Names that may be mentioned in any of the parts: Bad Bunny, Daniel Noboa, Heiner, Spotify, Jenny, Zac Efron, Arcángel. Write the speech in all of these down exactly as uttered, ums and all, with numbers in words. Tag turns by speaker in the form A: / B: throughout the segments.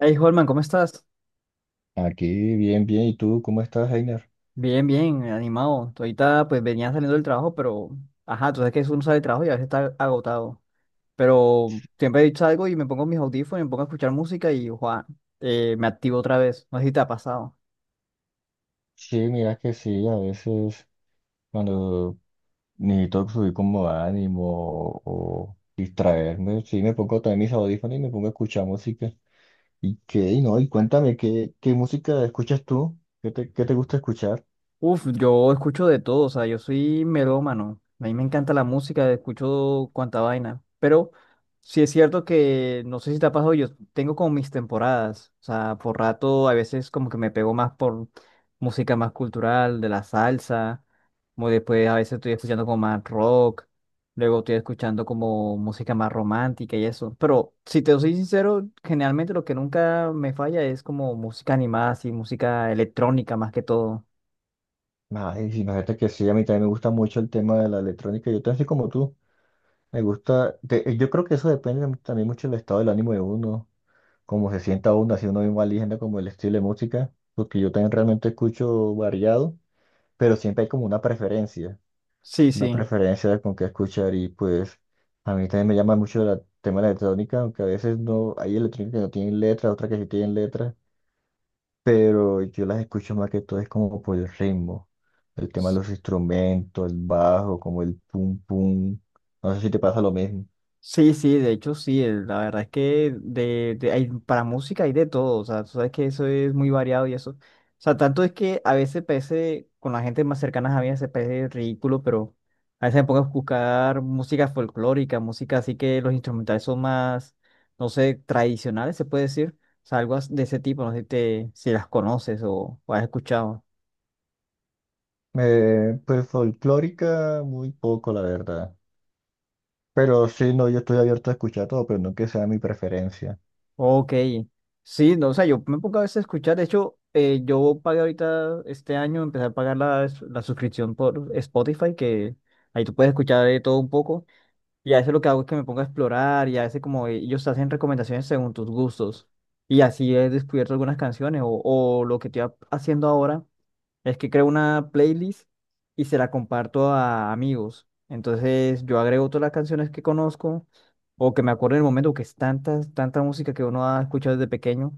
A: Hey, Holman, ¿cómo estás?
B: Aquí, bien, bien. ¿Y tú cómo estás, Heiner?
A: Bien, bien, animado. Tú ahorita pues venía saliendo del trabajo, pero ajá, tú sabes que uno sale del trabajo y a veces está agotado. Pero siempre salgo y me pongo mis audífonos y me pongo a escuchar música y ¡guau! eh, me activo otra vez. No sé si te ha pasado.
B: Sí, mira que sí, a veces cuando necesito subir como ánimo o distraerme, sí me pongo también mis audífonos y me pongo a escuchar música. ¿Y qué? Y no, y cuéntame, ¿qué, qué música escuchas tú? ¿Qué te, qué te gusta escuchar?
A: Uf, yo escucho de todo, o sea, yo soy melómano. A mí me encanta la música, escucho cuanta vaina. Pero sí es cierto que, no sé si te ha pasado, yo tengo como mis temporadas. O sea, por rato a veces como que me pego más por música más cultural, de la salsa. Como después a veces estoy escuchando como más rock. Luego estoy escuchando como música más romántica y eso. Pero si te soy sincero, generalmente lo que nunca me falla es como música animada, así, música electrónica más que todo.
B: Ay, sí, imagínate que sí, a mí también me gusta mucho el tema de la electrónica. Yo también soy como tú. Me gusta, de- yo creo que eso depende también mucho del estado del ánimo de uno, como se sienta uno, así uno mismo eligiendo como el estilo de música, porque yo también realmente escucho variado, pero siempre hay como una preferencia,
A: Sí,
B: una
A: sí.
B: preferencia de con qué escuchar. Y pues a mí también me llama mucho la el tema de la electrónica, aunque a veces no, hay electrónica que no tienen letra, otras que sí tienen letra, pero yo las escucho más que todo es como por el ritmo, el tema de
A: S-
B: los instrumentos, el bajo, como el pum pum, no sé si te pasa lo mismo.
A: Sí, sí, de hecho sí, el- la verdad es que de, de- hay, para música hay de todo, o sea, tú sabes que eso es muy variado y eso. O sea, tanto es que a veces parece, con la gente más cercana a mí, se parece ridículo, pero a veces me pongo a buscar música folclórica, música así que los instrumentales son más, no sé, tradicionales, se puede decir. O sea, algo as- de ese tipo, no sé si, te, si las conoces o, o has escuchado.
B: Eh, pues folclórica muy poco, la verdad. Pero sí, no, yo estoy abierto a escuchar todo, pero no que sea mi preferencia.
A: Ok, sí, no, o sea, yo me pongo a veces a escuchar, de hecho, eh, yo pagué ahorita este año, empecé a pagar la, s- la suscripción por Spotify, que ahí tú puedes escuchar de todo un poco, y a veces lo que hago es que me pongo a explorar, y a veces como eh, ellos te hacen recomendaciones según tus gustos, y así he descubierto algunas canciones, o, o lo que estoy ha- haciendo ahora es que creo una playlist y se la comparto a amigos, entonces yo agrego todas las canciones que conozco o que me acuerdo en el momento que es tanta, tanta música que uno ha escuchado desde pequeño.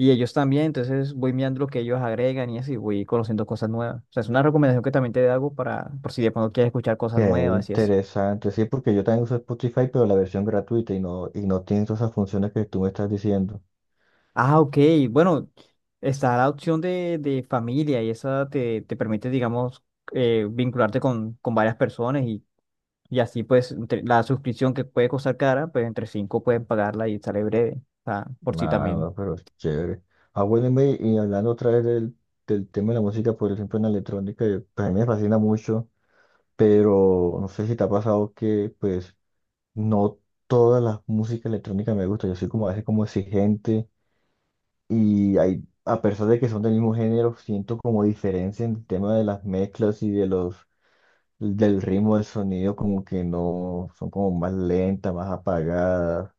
A: Y ellos también, entonces voy mirando lo que ellos agregan y así voy conociendo cosas nuevas. O sea, es una recomendación que también te hago para, por si de pronto quieres escuchar cosas
B: Qué
A: nuevas y eso.
B: interesante, sí, porque yo también uso Spotify, pero la versión gratuita y no, y no tiene todas esas funciones que tú me estás diciendo.
A: Ah, ok. Bueno, está la opción de, de familia y esa te, te permite, digamos, eh, vincularte con, con varias personas y, y así pues entre- la suscripción que puede costar cara, pues entre cinco pueden pagarla y sale breve. O sea, por si
B: Ah,
A: también.
B: no, pero es chévere. Ah, bueno, y me- y hablando otra vez del, del tema de la música, por ejemplo, en la electrónica, eh, pues a mí me fascina mucho, pero no sé si te ha pasado que, pues, no todas las músicas electrónicas me gustan. Yo soy como a veces como exigente. Y hay, a pesar de que son del mismo género, siento como diferencia en el tema de las mezclas y de los, del ritmo del sonido, como que no, son como más lentas, más apagadas,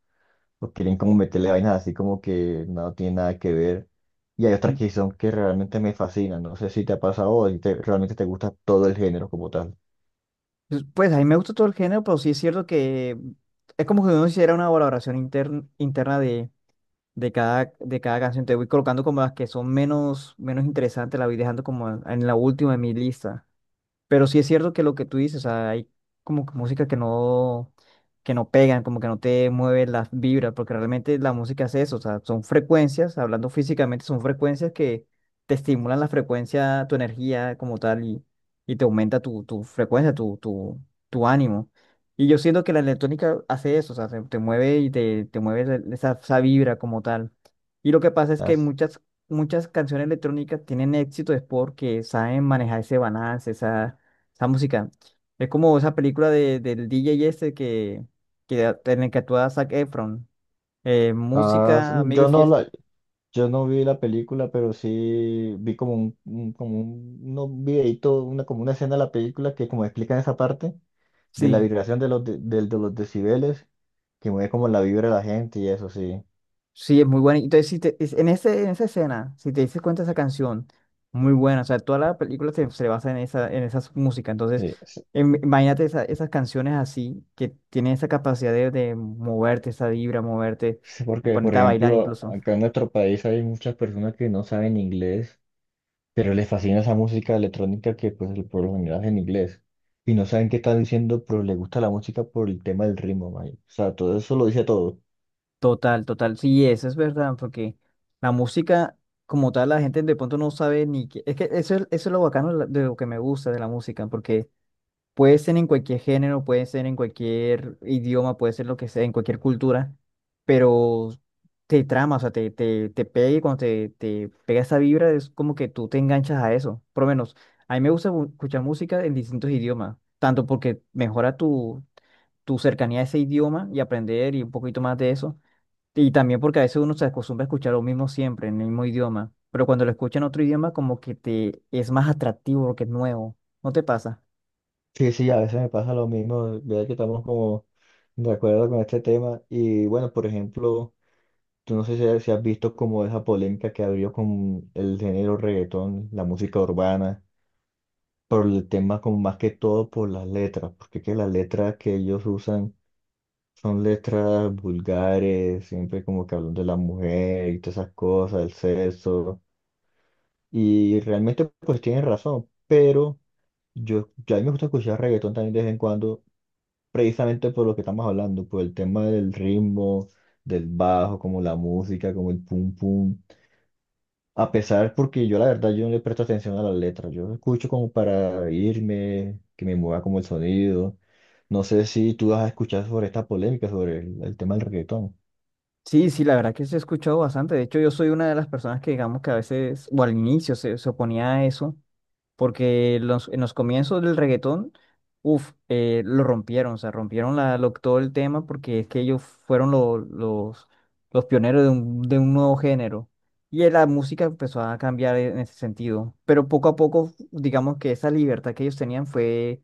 B: o quieren como meterle vainas así como que no tiene nada que ver. Y hay otras que son que realmente me fascinan, no sé si te ha pasado o si te- realmente te gusta todo el género como tal.
A: Pues pues, a mí me gusta todo el género, pero sí es cierto que es como que uno hiciera una valoración intern- interna de, de cada, de cada canción. Te voy colocando como las que son menos, menos interesantes, la voy dejando como en la última de mi lista. Pero sí es cierto que lo que tú dices, o sea, hay como que música que no, que no pegan, como que no te mueve las vibras, porque realmente la música es eso, o sea, son frecuencias, hablando físicamente, son frecuencias que te estimulan la frecuencia, tu energía como tal, y, y te aumenta tu, tu frecuencia, tu, tu, tu ánimo. Y yo siento que la electrónica hace eso, o sea, te, te mueve y te, te mueve la- esa, esa vibra como tal. Y lo que pasa es que
B: Has-
A: muchas muchas canciones electrónicas tienen éxito es porque saben manejar ese balance, esa esa música. Es como esa película de, del D J este que, que en el que actúa Zac Efron. Eh,
B: has-
A: música, amigo y
B: yo no,
A: fiesta.
B: la- yo no vi la película, pero sí vi como un, un- como un, no, un videíto, una, como una escena de la película que como explica esa parte de la
A: Sí,
B: vibración de los, de, del- de los decibeles, que mueve como la vibra de la gente y eso sí.
A: sí, es muy buena. Entonces, si te- es- en ese, en esa escena, si te dices cuenta esa canción, muy buena. O sea, toda la película se, se basa en esa, en esa música. Entonces,
B: Sí, sí,
A: em- imagínate esa- esas canciones así, que tienen esa capacidad de, de moverte, esa vibra, moverte,
B: sí,
A: de
B: porque por
A: ponerte a bailar
B: ejemplo,
A: incluso.
B: acá en nuestro país hay muchas personas que no saben inglés, pero les fascina esa música electrónica que pues por lo general es en inglés. Y no saben qué están diciendo, pero les gusta la música por el tema del ritmo, man. O sea, todo eso lo dice todo.
A: Total, total. Sí, eso es verdad, porque la música como tal la gente de pronto no sabe ni qué. Es que eso es, eso es lo bacano de la- de lo que me gusta de la música, porque puede ser en cualquier género, puede ser en cualquier idioma, puede ser lo que sea, en cualquier cultura, pero te trama, o sea, te, te, te pega y cuando te, te pega esa vibra es como que tú te enganchas a eso. Por lo menos, a mí me gusta mu- escuchar música en distintos idiomas, tanto porque mejora tu, tu cercanía a ese idioma y aprender y un poquito más de eso y también porque a veces uno se acostumbra a escuchar lo mismo siempre, en el mismo idioma. Pero cuando lo escucha en otro idioma, como que te es más atractivo porque es nuevo. ¿No te pasa?
B: Sí, sí, a veces me pasa lo mismo, vea que estamos como de acuerdo con este tema. Y bueno, por ejemplo, tú no sé si, si has visto como esa polémica que abrió con el género reggaetón, la música urbana, por el tema como más que todo por las letras, porque que las letras que ellos usan son letras vulgares, siempre como que hablan de la mujer y todas esas cosas, el sexo. Y realmente pues tienen razón, pero yo, yo a mí me gusta escuchar reggaetón también de vez en cuando precisamente por lo que estamos hablando, por el tema del ritmo, del bajo, como la música, como el pum pum. A pesar, porque yo la verdad yo no le presto atención a las letras, yo escucho como para irme, que me mueva como el sonido. No sé si tú has escuchado sobre esta polémica, sobre el, el tema del reggaetón.
A: Sí, sí, la verdad que se ha escuchado bastante. De hecho, yo soy una de las personas que digamos que a veces, o al inicio, se, se oponía a eso. Porque los, en los comienzos del reggaetón, uff, lo rompieron, o sea, rompieron la, lo- todo el tema porque es que ellos fueron lo- los, los pioneros de un, de un nuevo género. Y eh, la música empezó a cambiar en ese sentido. Pero poco a poco, digamos que esa libertad que ellos tenían fue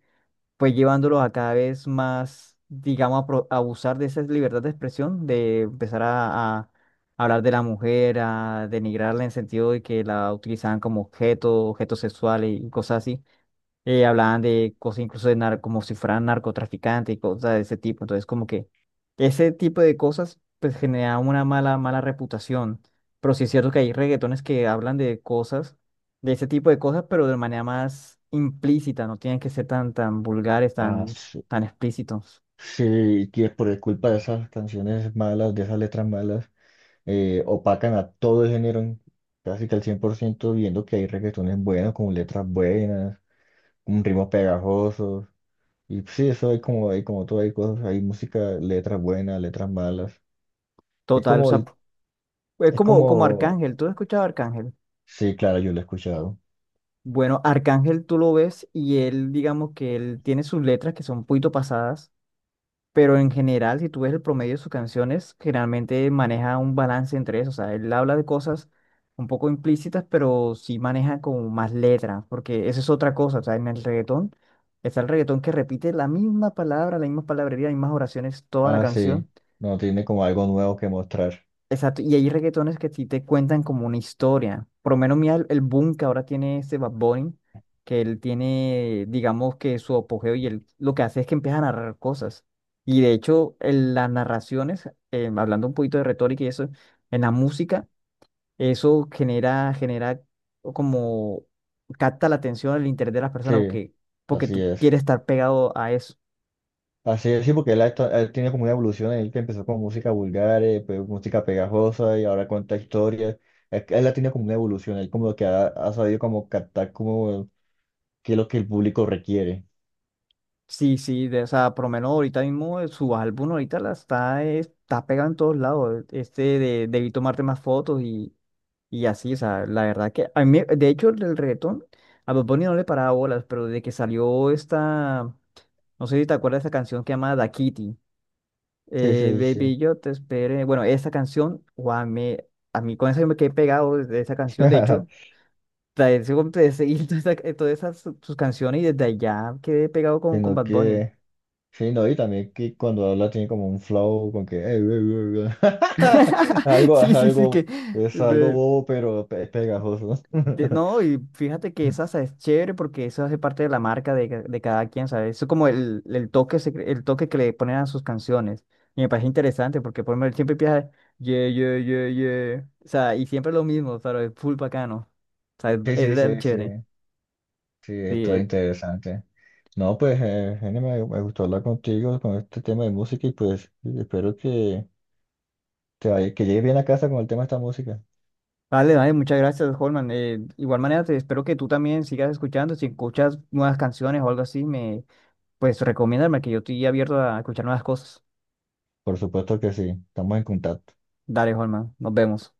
A: pues llevándolos a cada vez más, digamos, a, pro- a abusar de esa libertad de expresión, de empezar a, a hablar de la mujer, a denigrarla en sentido de que la utilizaban como objeto, objeto sexual y cosas así eh, hablaban de cosas incluso de nar como si fueran narcotraficantes y cosas de ese tipo. Entonces, como que ese tipo de cosas pues genera una mala, mala reputación. Pero sí es cierto que hay reggaetones que hablan de cosas, de ese tipo de cosas, pero de manera más implícita, no tienen que ser tan, tan vulgares,
B: Ah,
A: tan,
B: sí,
A: tan explícitos.
B: sí, que por culpa de esas canciones malas, de esas letras malas, eh, opacan a todo el género, en- casi que al cien por ciento viendo que hay reggaetones buenos, con letras buenas un ritmos pegajosos. Y pues, sí, eso hay como, hay como todo, hay cosas, hay música, letras buenas, letras malas. Es
A: Total, o
B: como,
A: sea,
B: el-
A: es
B: es
A: como, como
B: como,
A: Arcángel. ¿Tú has escuchado a Arcángel?
B: sí, claro, yo lo he escuchado.
A: Bueno, Arcángel tú lo ves y él, digamos que él tiene sus letras que son un poquito pasadas. Pero en general, si tú ves el promedio de sus canciones, generalmente maneja un balance entre eso. O sea, él habla de cosas un poco implícitas, pero sí maneja como más letras, porque esa es otra cosa. O sea, en el reggaetón está el reggaetón que repite la misma palabra, la misma palabrería, las mismas oraciones toda la
B: Ah, sí,
A: canción.
B: no, tiene como algo nuevo que mostrar.
A: Exacto, y hay reggaetones que sí te cuentan como una historia. Por lo menos mira el, el boom que ahora tiene este Bad Bunny, que él tiene, digamos que su apogeo y él lo que hace es que empieza a narrar cosas. Y de hecho, en las narraciones, eh, hablando un poquito de retórica y eso, en la música, eso genera, genera como capta la atención, el interés de las personas
B: Sí,
A: porque, porque
B: así
A: tú
B: es.
A: quieres estar pegado a eso.
B: Así es, sí, porque él, ha esta- él tiene como una evolución, él que empezó con música vulgar, eh, pues, música pegajosa y ahora cuenta historias. Él, él ha tenido como una evolución, él como que ha, ha sabido como captar como qué es lo que el público requiere.
A: Sí, sí, de, o sea, por lo menos ahorita mismo eh, su álbum ahorita la está, eh, está pegado en todos lados. eh, Este de debí tomarte más fotos y, y así, o sea, la verdad que a mí, de hecho, el reggaetón, a Bad Bunny no le paraba bolas, pero desde que salió esta, no sé si te acuerdas de esa canción que llama Da Kitty,
B: Sí,
A: eh,
B: sí, sí.
A: Baby, yo te esperé. Bueno, esa canción, guau, me, a mí con esa yo me quedé pegado de esa canción, de hecho. Trae, seguí todas esas todas esas sus sus canciones y desde allá quedé pegado con, con
B: Sino
A: Bad Bunny.
B: que... Sí, no, y también que cuando habla tiene como un flow con que "Eh, eh, eh, eh". Algo, es
A: Sí, sí, sí, que...
B: algo, es algo
A: ve-
B: bobo, pero pe- pegajoso.
A: te- no, y fíjate que esa sa- es chévere porque eso hace parte de la marca de, ca- de cada quien, ¿sabes? Eso es como el, el toque, secre- el toque que le ponen a sus canciones. Y me parece interesante porque por lo menos siempre empieza, yeah, yeah, yeah, yeah. O sea, y siempre lo mismo, pero es full bacano. O sea, es,
B: Sí,
A: es
B: sí,
A: re
B: sí, sí,
A: chévere.
B: sí,
A: Sí,
B: esto es
A: eh,
B: interesante. No, pues, eh, Jenny, me, me gustó hablar contigo con este tema de música y pues espero que te vaya, que llegues bien a casa con el tema de esta música.
A: vale, vale, muchas gracias, Holman. Eh, igual manera, te espero que tú también sigas escuchando. Si escuchas nuevas canciones o algo así, me, pues recomiéndame que yo estoy abierto a escuchar nuevas cosas.
B: Por supuesto que sí, estamos en contacto.
A: Dale, Holman, nos vemos.